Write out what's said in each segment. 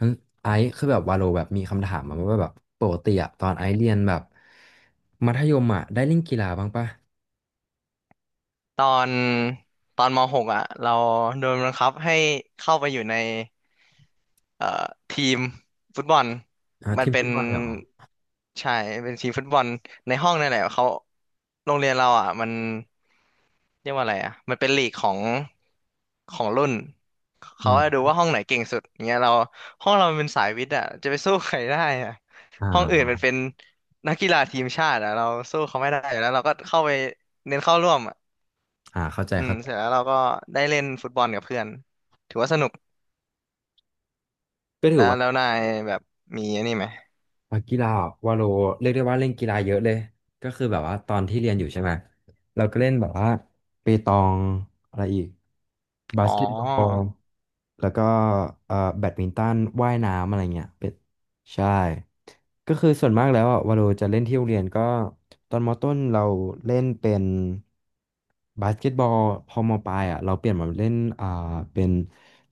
งั้นไอซ์คือแบบวาโลแบบมีคำถามมาว่าแบบปกติอะตอนไอซ์เรียนแบบมัธยมอะได้เล่นกีฬาบ้างปะตอนตอนม .6 อ่ะเราโดนบังคับให้เข้าไปอยู่ในเอ่อทีมฟุตบอลอ่ามันที่เป็ฟุนตบอลเลยเหรอใช่เป็นทีมฟุตบอลในห้องนั่นแหละเขาโรงเรียนเราอ่ะมันเรียกว่าอะไรอ่ะมันเป็นลีกของรุ่นอืเขาจะดูมว่าห้องไหนเก่งสุดเงี้ยเราห้องเรามันเป็นสายวิทย์อ่ะจะไปสู้ใครได้อ่ะห้องอื่นอ่ามันเป็นนักกีฬาทีมชาติอ่ะเราสู้เขาไม่ได้อยู่แล้วเราก็เข้าไปเน้นเข้าร่วม อ่าเข้าใจอืมเข้าใจเสร็จแล้วเราก็ได้เล่นฟุตบอลกับเพื่อนถือว่าสนุกก็ถืแล้อวว่า แล้วนายแบบมีอันนี้ไหมอ่ะกีฬาอ่ะวาโลเรียกได้ว่าเล่นกีฬาเยอะเลยก็คือแบบว่าตอนที่เรียนอยู่ใช่ไหมเราก็เล่นแบบว่าเปตองอะไรอีกบาอ๋อสเกตบอลแล้วก็แบดมินตันว่ายน้ำอะไรเงี้ยเป็นใช่ก็คือส่วนมากแล้วอ่ะวาโลจะเล่นที่โรงเรียนก็ตอนมต้นเราเล่นเป็นบาสเกตบอลพอมปลายอ่ะเราเปลี่ยนมาเล่นเป็น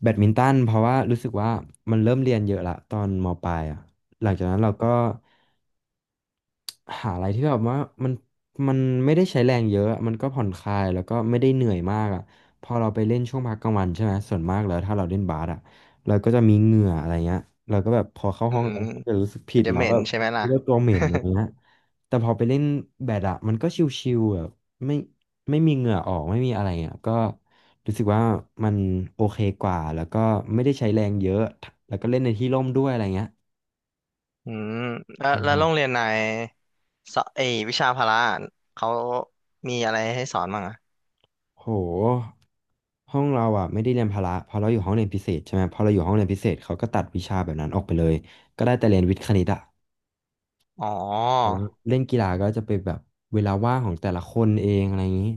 แบดมินตันเพราะว่ารู้สึกว่ามันเริ่มเรียนเยอะละตอนมปลายอ่ะ หลังจากนั้นเราก็หาอะไรที่แบบว่ามันมันไม่ได้ใช้แรงเยอะมันก็ผ่อนคลายแล้วก็ไม่ได้เหนื่อยมากอ่ะพอเราไปเล่นช่วงพักกลางวันใช่ไหมส่วนมากแล้วถ้าเราเล่นบาสอ่ะเราก็จะมีเหงื่ออะไรเงี้ยเราก็แบบพอเข้าอืห้องมเราก็จะรู้สึกผิมัดนจะแล้เหวม็แบนบใช่ไหมล่ะ รู้ว่าตัวเหม็นอะไรเงี้ยแต่พอไปเล่นแบดอ่ะมันก็ชิลๆแบบไม่ไม่มีเหงื่อออกไม่มีอะไรอ่ะก็รู้สึกว่ามันโอเคกว่าแล้วก็ไม่ได้ใช้แรงเยอะแล้วก็เล่นในที่ร่มด้วยอะไรเงี้ย อืมแล้วโรงใช่ เรียนนายสอไอวิชาพละเขามีอะไรให้สอนบ้างอะโหห้องเราอ่ะไม่ได้เรียนพละเพอเราอยู่ห้องเรียนพิเศษใช่ไหมพอเราอยู่ห้องเรียนพิเศษเขาก็ตัดวิชาแบบนั้นออกไปเลยก็ได้แต่เรียนวิทย์คณิตอ่ะอ๋อแต่ว่าเล่นกีฬาก็จะเป็นแบบเวลาว่างของแต่ละคนเองอะไรอย่างนี้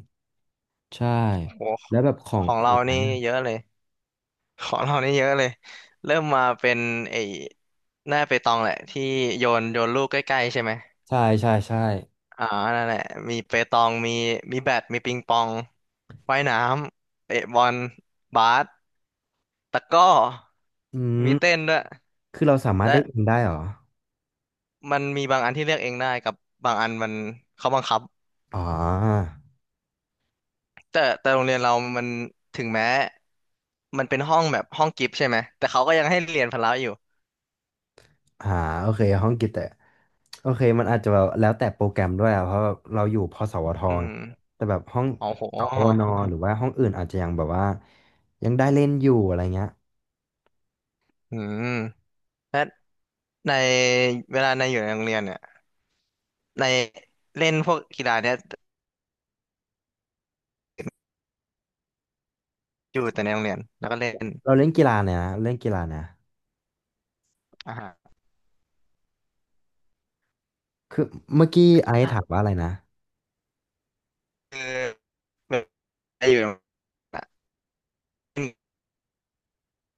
ใช่โอ้โหแล้วแบบขอขงองขอเรางไหนนี่อะเยอะเลยของเรานี่เยอะเลยเริ่มมาเป็นไอหน้าเปตองแหละที่โยนโยนลูกใกล้ๆใช่ไหม ใช่ใช่ใช่อ่านั่นแหละมีเปตองมีมีแบดมีปิงปองว่ายน้ำเตะบอลบาสตะกร้ออืมมีเต้นด้วยคือเราสามารถเลือกเองและได้เหรอมันมีบางอันที่เลือกเองได้กับบางอันมันเขาบังคับ อ๋อ แต่โรงเรียนเรามันถึงแม้มันเป็นห้องแบบห้องกิฟต์ใช่ไหมแต่เขาก็ยังให้เรียนพละอยู่อ่าโอเคห้องกิจแต่โอเคมันอาจจะแบบแล้วแต่โปรแกรมด้วยอะเพราะแบบเราอยู่พสวทอืไงมแต่แบบห้องโอ้โหสวนหรือว่าห้องอื่นอาจจะยังแบบว่ายังได้เล่นอยู่อะไรเงี้ยอืมและในเวลาในอยู่ในโรงเรียนเนี่ยในเล่นพวกกีฬาเนี่ยอยู่แต่ในโรงเรียนแล้วก็เล่นเราเล่นกีฬาเนี่ยนะเล่นกีฬาเนี่ยอ่าฮะ คือเมื่อกี้ไอซ์ถามว่าอะไรนะ คือแบบไอ้อยู่นะ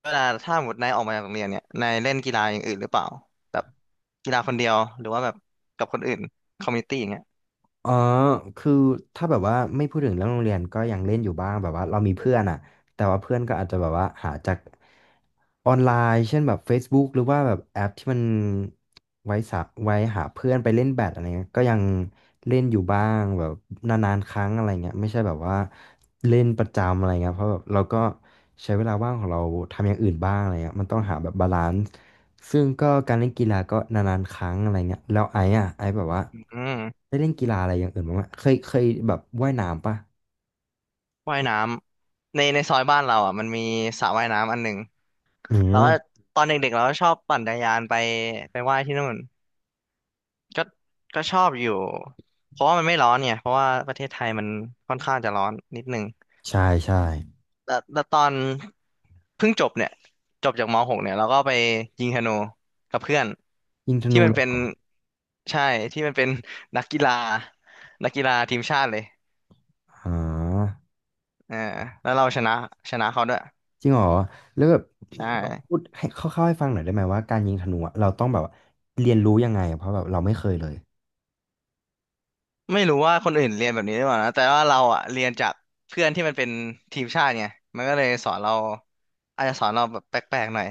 เวลาถ้าหมดนายออกมาจากโรงเรียนเนี่ยนายเล่นกีฬาอย่างอื่นหรือเปล่าแบบกีฬาคนเดียวหรือว่าแบบกับคนอื่นคอมมูนิตี้อย่างเงี้ยอ๋อคือถ้าแบบว่าไม่พูดถึงเรื่องโรงเรียนก็ยังเล่นอยู่บ้างแบบว่าเรามีเพื่อนอ่ะแต่ว่าเพื่อนก็อาจจะแบบว่าหาจากออนไลน์เช่นแบบ Facebook หรือว่าแบบแอปที่มันไว้สะไว้หาเพื่อนไปเล่นแบดอะไรเงี้ยก็ยังเล่นอยู่บ้างแบบนานๆครั้งอะไรเงี้ยไม่ใช่แบบว่าเล่นประจำอะไรเงี้ยเพราะแบบเราก็ใช้เวลาว่างของเราทำอย่างอื่นบ้างอะไรเงี้ยมันต้องหาแบบบาลานซ์ซึ่งก็การเล่นกีฬาก็นานๆครั้งอะไรเงี้ยแล้วไอ้แบบว่า อืมได้เล่นกีฬาอะไรอย่างอื่นบ้างไหมเคยเคยแบบว่ายน้ำปะว่ายน้ำในซอยบ้านเราอ่ะมันมีสระว่ายน้ำอันหนึ่งอืแล้วมก็ตอนเด็กๆเราก็ชอบปั่นจักรยานไปไปว่ายที่นู่นก็ก็ชอบอยู่เพราะว่ามันไม่ร้อนเนี่ยเพราะว่าประเทศไทยมันค่อนข้างจะร้อนนิดนึง ใช่ใช่แล้วแล้ตอนเพิ่งจบเนี่ยจบจากม .6 เนี่ยเราก็ไปยิงธนูกับเพื่อนยิงธที่นูมันเลยเป็นเหรอใช่ที่มันเป็นนักกีฬานักกีฬาทีมชาติเลยอ๋อเออแล้วเราชนะชนะเขาด้วยจริงเหรอแล้วแบบใชลองพู่ดให้คร่าวๆให้ฟังหน่อยได้ไหมว่าการยิงธนูอะเราต้องแบบว่าเรียนรู้ยังไงอะเพราะแบบเราไม่เคยเลยไม่รู้ว่าคนอื่นเรียนแบบนี้หรือเปล่านะแต่ว่าเราอะเรียนจากเพื่อนที่มันเป็นทีมชาติไงมันก็เลยสอนเราอาจจะสอนเราแบบแปลกๆหน่อย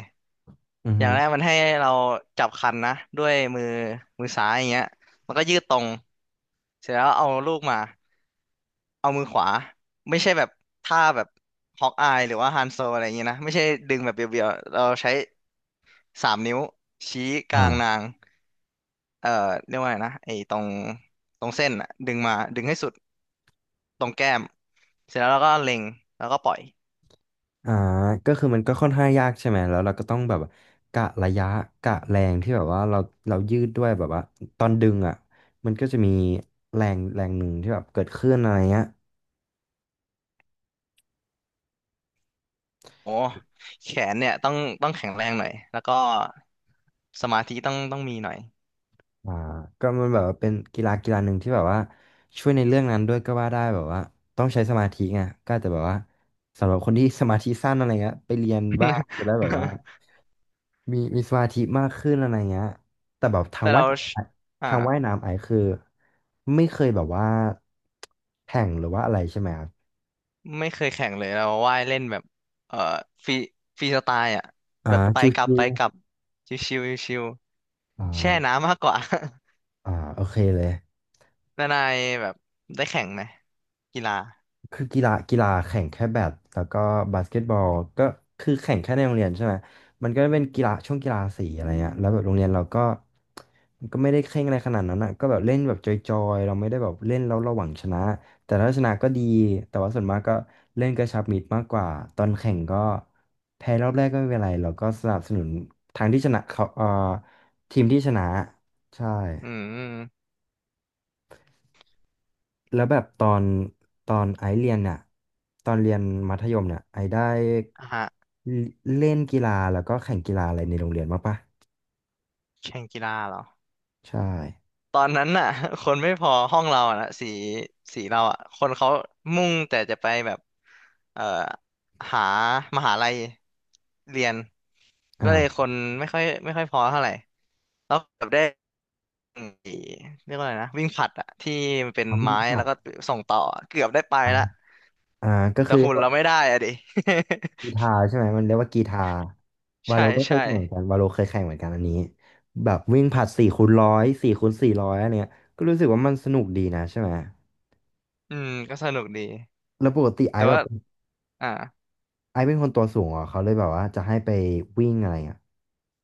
อืออฮึย่างแรกมันให้เราจับคันนะด้วยมือมือซ้ายอย่างเงี้ยมันก็ยืดตรงเสร็จแล้วเอาลูกมา เอามือขวาไม่ใช่แบบท่าแบบฮอกอายหรือว่าฮันโซอะไรอย่างเงี้ยนะไม่ใช่ดึงแบบเบียวๆเราใช้สามนิ้วชี้กลางอ่านางเอ่อเรียกว่าไงนะไอ้ตรงเส้นอะดึงมาดึงให้สุดตรงแก้มเสร็จแล้วเราก็เล็งแล้วก็ปล่อยอ่าก็คือมันก็ค่อนข้างยากใช่ไหม แล้วเราก็ต้องแบบกะระยะกะแรงที่แบบว่าเราเรายืดด้วยแบบว่าตอนดึงอ่ะมันก็จะมีแรงแรงหนึ่งที่แบบเกิดขึ้นอะไรเงี้ย โอ้แขนเนี่ยต้องแข็งแรงหน่อยแล้วก็สมาธิต้องมีหน่อย อ่าก็มันแบบว่าเป็นกีฬากีฬาหนึ่งที่แบบว่าช่วยในเรื่องนั้นด้วยก็ว่าได้แบบว่าต้องใช้สมาธิไงก็อาจจะแบบว่าสำหรับคนที่สมาธิสั้นอะไรเงี้ยไปเรียนบ้างจะได้แบบว่า มีมีสมาธิมากขึ้นอะไรเงี้ยแต่แบบทางแต่ว่าเรายน้ำอะอ่า ทางว่ายน้ำไอคือไม่เคยแบบว่าแข่งหรือว่าอะไรใช่ไหมครับไม่เคยแข่งเลยเราว่ายเล่นแบบเอ่อฟรีฟรีสไตล์อ่ะอ่าแบบไปชิวกลับไปกลับชิวชิวชิวๆอ่าๆแช่น้ำมากกว่า อ่าโอเคเลย นานายแบบได้แข่งไหมกีฬาคือกีฬากีฬาแข่งแค่แบดแล้วก็บาสเกตบอลก็คือแข่งแค่ในโรงเรียนใช่ไหมมันก็เป็นกีฬาช่วงกีฬาสีอะไรเงี้ยแล้วแบบโรงเรียนเราก็มันก็ไม่ได้เคร่งอะไรขนาดนั้นอ่ะก็แบบเล่นแบบจอยๆเราไม่ได้แบบเล่นแล้วเราหวังชนะแต่ถ้าชนะก็ดีแต่ว่าส่วนมากก็เล่นกระชับมิตรมากกว่าตอนแข่งก็แพ้รอบแรกก็ไม่เป็นไรเราก็สนับสนุนทางที่ชนะเขาทีมที่ชนะใช่ อืมแล้วแบบตอนไอซ์เรียนเนี่ยตอนเรียนมัธยมเนี่ยไอซ์ได้อ่ะฮะเล่นกีฬาแล้วก็แข่งกีฬาอะไรในโรงเรียนบ้างปะแข่งกีฬาเหรอใช่ตอนนั้นน่ะ คนไม่พอห้องเราอ่ะนะสีเราอ่ะคนเขามุ่งแต่จะไปแบบเอ่อหามหาลัยเรียนก็เลยคอ่านไม่ค่อยพอเท่าไหร่แล้วแบบได้ ไอ้เรียกว่าอะไรนะวิ่งผลัดอะที่มันเป็นเอาเพูไม้ดก่แล้วก็ส่งต่อเกือบได้ไปอนละอ่าก็แต่คือหุ่นเราไม่ได้อะดิ กีฬาใช่ไหมมันเรียกว่ากีฬา วาใช่โลก็เคยใช่แข่งเหมือนกันวาโลเคยแข่งเหมือนกันอันนี้แบบวิ่งผลัดสี่คูณร้อย4x400อันเนี้ยก็รู้สึกว่ามันสนุกดีนะใช่ไหมอืมก็สนุกดีแล้วปกติไอแต่ซ์แบว่าบอ่าไอซ์เป็นคนตัวสูงเหรอเขาเลยแบบว่าจะให้ไปวิ่งอะไรอ่ะ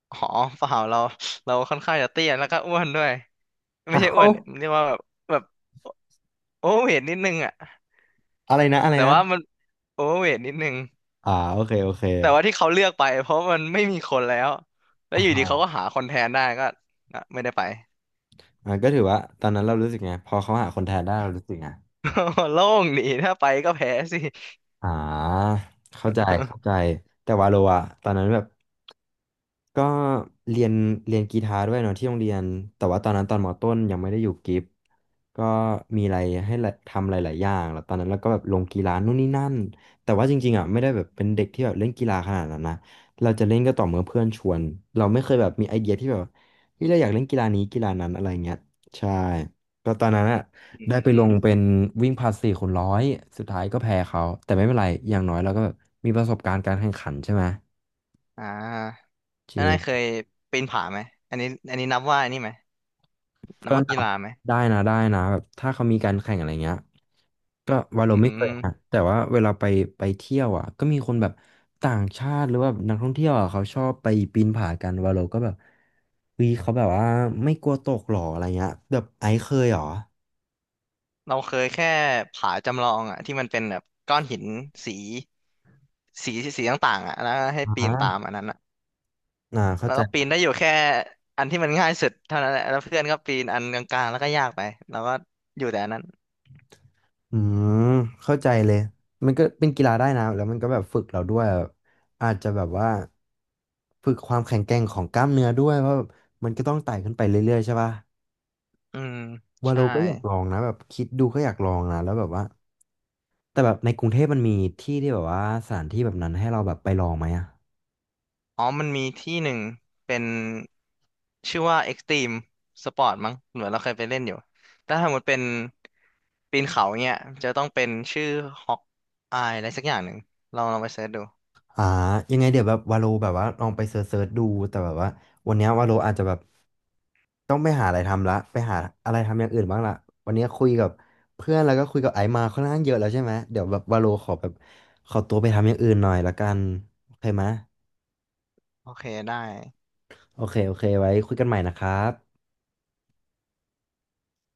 หอเปล่าเราเราค่อนข้างจะเตี้ยแล้วก็อ้วนด้วยไม่อ้าใช่อ้ววนเรียกว่าแบบแบบโอเวอร์เวทนิดนึงอะอะไรนะอะไรแต่นะ ว่ามันโอเวอร์เวทนิดนึงอ่าโอเคโอเคแต่ว่าที่เขาเลือกไปเพราะมันไม่มีคนแล้วแล้อวอยู่ดีเขาก็่าหาคนแทนได้ก็อ่ะไม่ได้ไป อ่าก็ถือว่าตอนนั้นเรารู้สึกไงพอเขาหาคนแทนได้เรารู้สึกไง โล่งดีถ้าไปก็แพ้สิ อ่าเข้าใจเข้าใจ แต่วาโลอะตอนนั้นแบบ ก็เรียนเรียนกีตาร์ด้วยเนาะที่โรงเรียนแต่ว่าตอนนั้นตอนมต้นยังไม่ได้อยู่กิฟต์ก็มีอะไรให้ละทำหลายๆอย่างแล้วตอนนั้นเราก็แบบลงกีฬานู่นนี่นั่นแต่ว่าจริงๆอ่ะไม่ได้แบบเป็นเด็กที่แบบเล่นกีฬาขนาดนั้นนะเราจะเล่นก็ต่อเมื่อเพื่อนชวนเราไม่เคยแบบมีไอเดียที่แบบที่เราอยากเล่นกีฬานี้กีฬานั้นอะไรเงี้ยใช่ก็ตอนนั้นอ่ะได้ไปอืลม งเป็นวิ่งผลัดสี่คูณร้อยสุดท้ายก็แพ้เขาแต่ไม่เป็นไรอย่างน้อยเราก็แบบมีประสบการณ์การแข่งขันใช่ไหมอ่าจแล้วรินายเคง ยปีนผาไหมอันนี้อันนี้นับว่าอันนี้ไหมนับก็ว่ากีฬาไหมได้นะได้นะแบบถ้าเขามีการแข่งอะไรเงี้ยก็วาโลอืไม่เคยนะมแต่ว่าเวลาไปไปเที่ยวอ่ะก็มีคนแบบต่างชาติหรือว่านักท่องเที่ยวอ่ะเขาชอบไปปีนผากันวาโลก็แบบเฮ้ยเขาแบบว่าไม่กลัวตกหรออะไรเงี้ยแบบไอซ์เคยหรอเราเคยแค่ผาจำลองอ่ะที่มันเป็นแบบก้อนหินสีสีสีต่างๆอ่ะแล้วให้อปีนตาม่าอันนั้นอ่ะอ่าเข้าแล้วใจก็ปีนได้อยู่แค่อันที่มันง่ายสุดเท่านั้นแหละแล้วเพื่อนก็ปีนอันกลางๆแล้วก็ยากไปแล้วก็อยู่แต่อันนั้นอืมเข้าใจเลยมันก็เป็นกีฬาได้นะแล้วมันก็แบบฝึกเราด้วยแบบอาจจะแบบว่าฝึกความแข็งแกร่งของกล้ามเนื้อด้วยเพราะแบบมันก็ต้องไต่ขึ้นไปเรื่อยๆใช่ป่ะ อืมวาโลใช่ ก็อยากลองนะแบบคิดดูก็อยากลองนะแล้วแบบว่าแต่แบบในกรุงเทพมันมีที่ที่แบบว่าสถานที่แบบนั้นให้เราแบบไปลองไหมอะอ๋อมันมีที่หนึ่งเป็นชื่อว่า Extreme Sport มั้งเหมือนเราเคยไปเล่นอยู่ถ้าสมมติเป็นปีนเขาเนี่ยจะต้องเป็นชื่อฮอกอายอะไรสักอย่างหนึ่งลองลองไปเสิร์ชดูอ่ายังไงเดี๋ยวแบบวาโลแบบว่าลองไปเซิร์ชๆดูแต่แบบว่าวันเนี้ยวาโลอาจจะแบบต้องไปหาอะไรทำละไปหาอะไรทำอย่างอื่นบ้างละวันนี้คุยกับเพื่อนแล้วก็คุยกับไอซ์มาค่อนข้างเยอะแล้วใช่ไหมเดี๋ยวแบบวาโลขอแบบขอตัวไปทำอย่างอื่นหน่อยละกันโอเคไหมโอเคได้โอเคโอเคไว้คุยกันใหม่นะครับ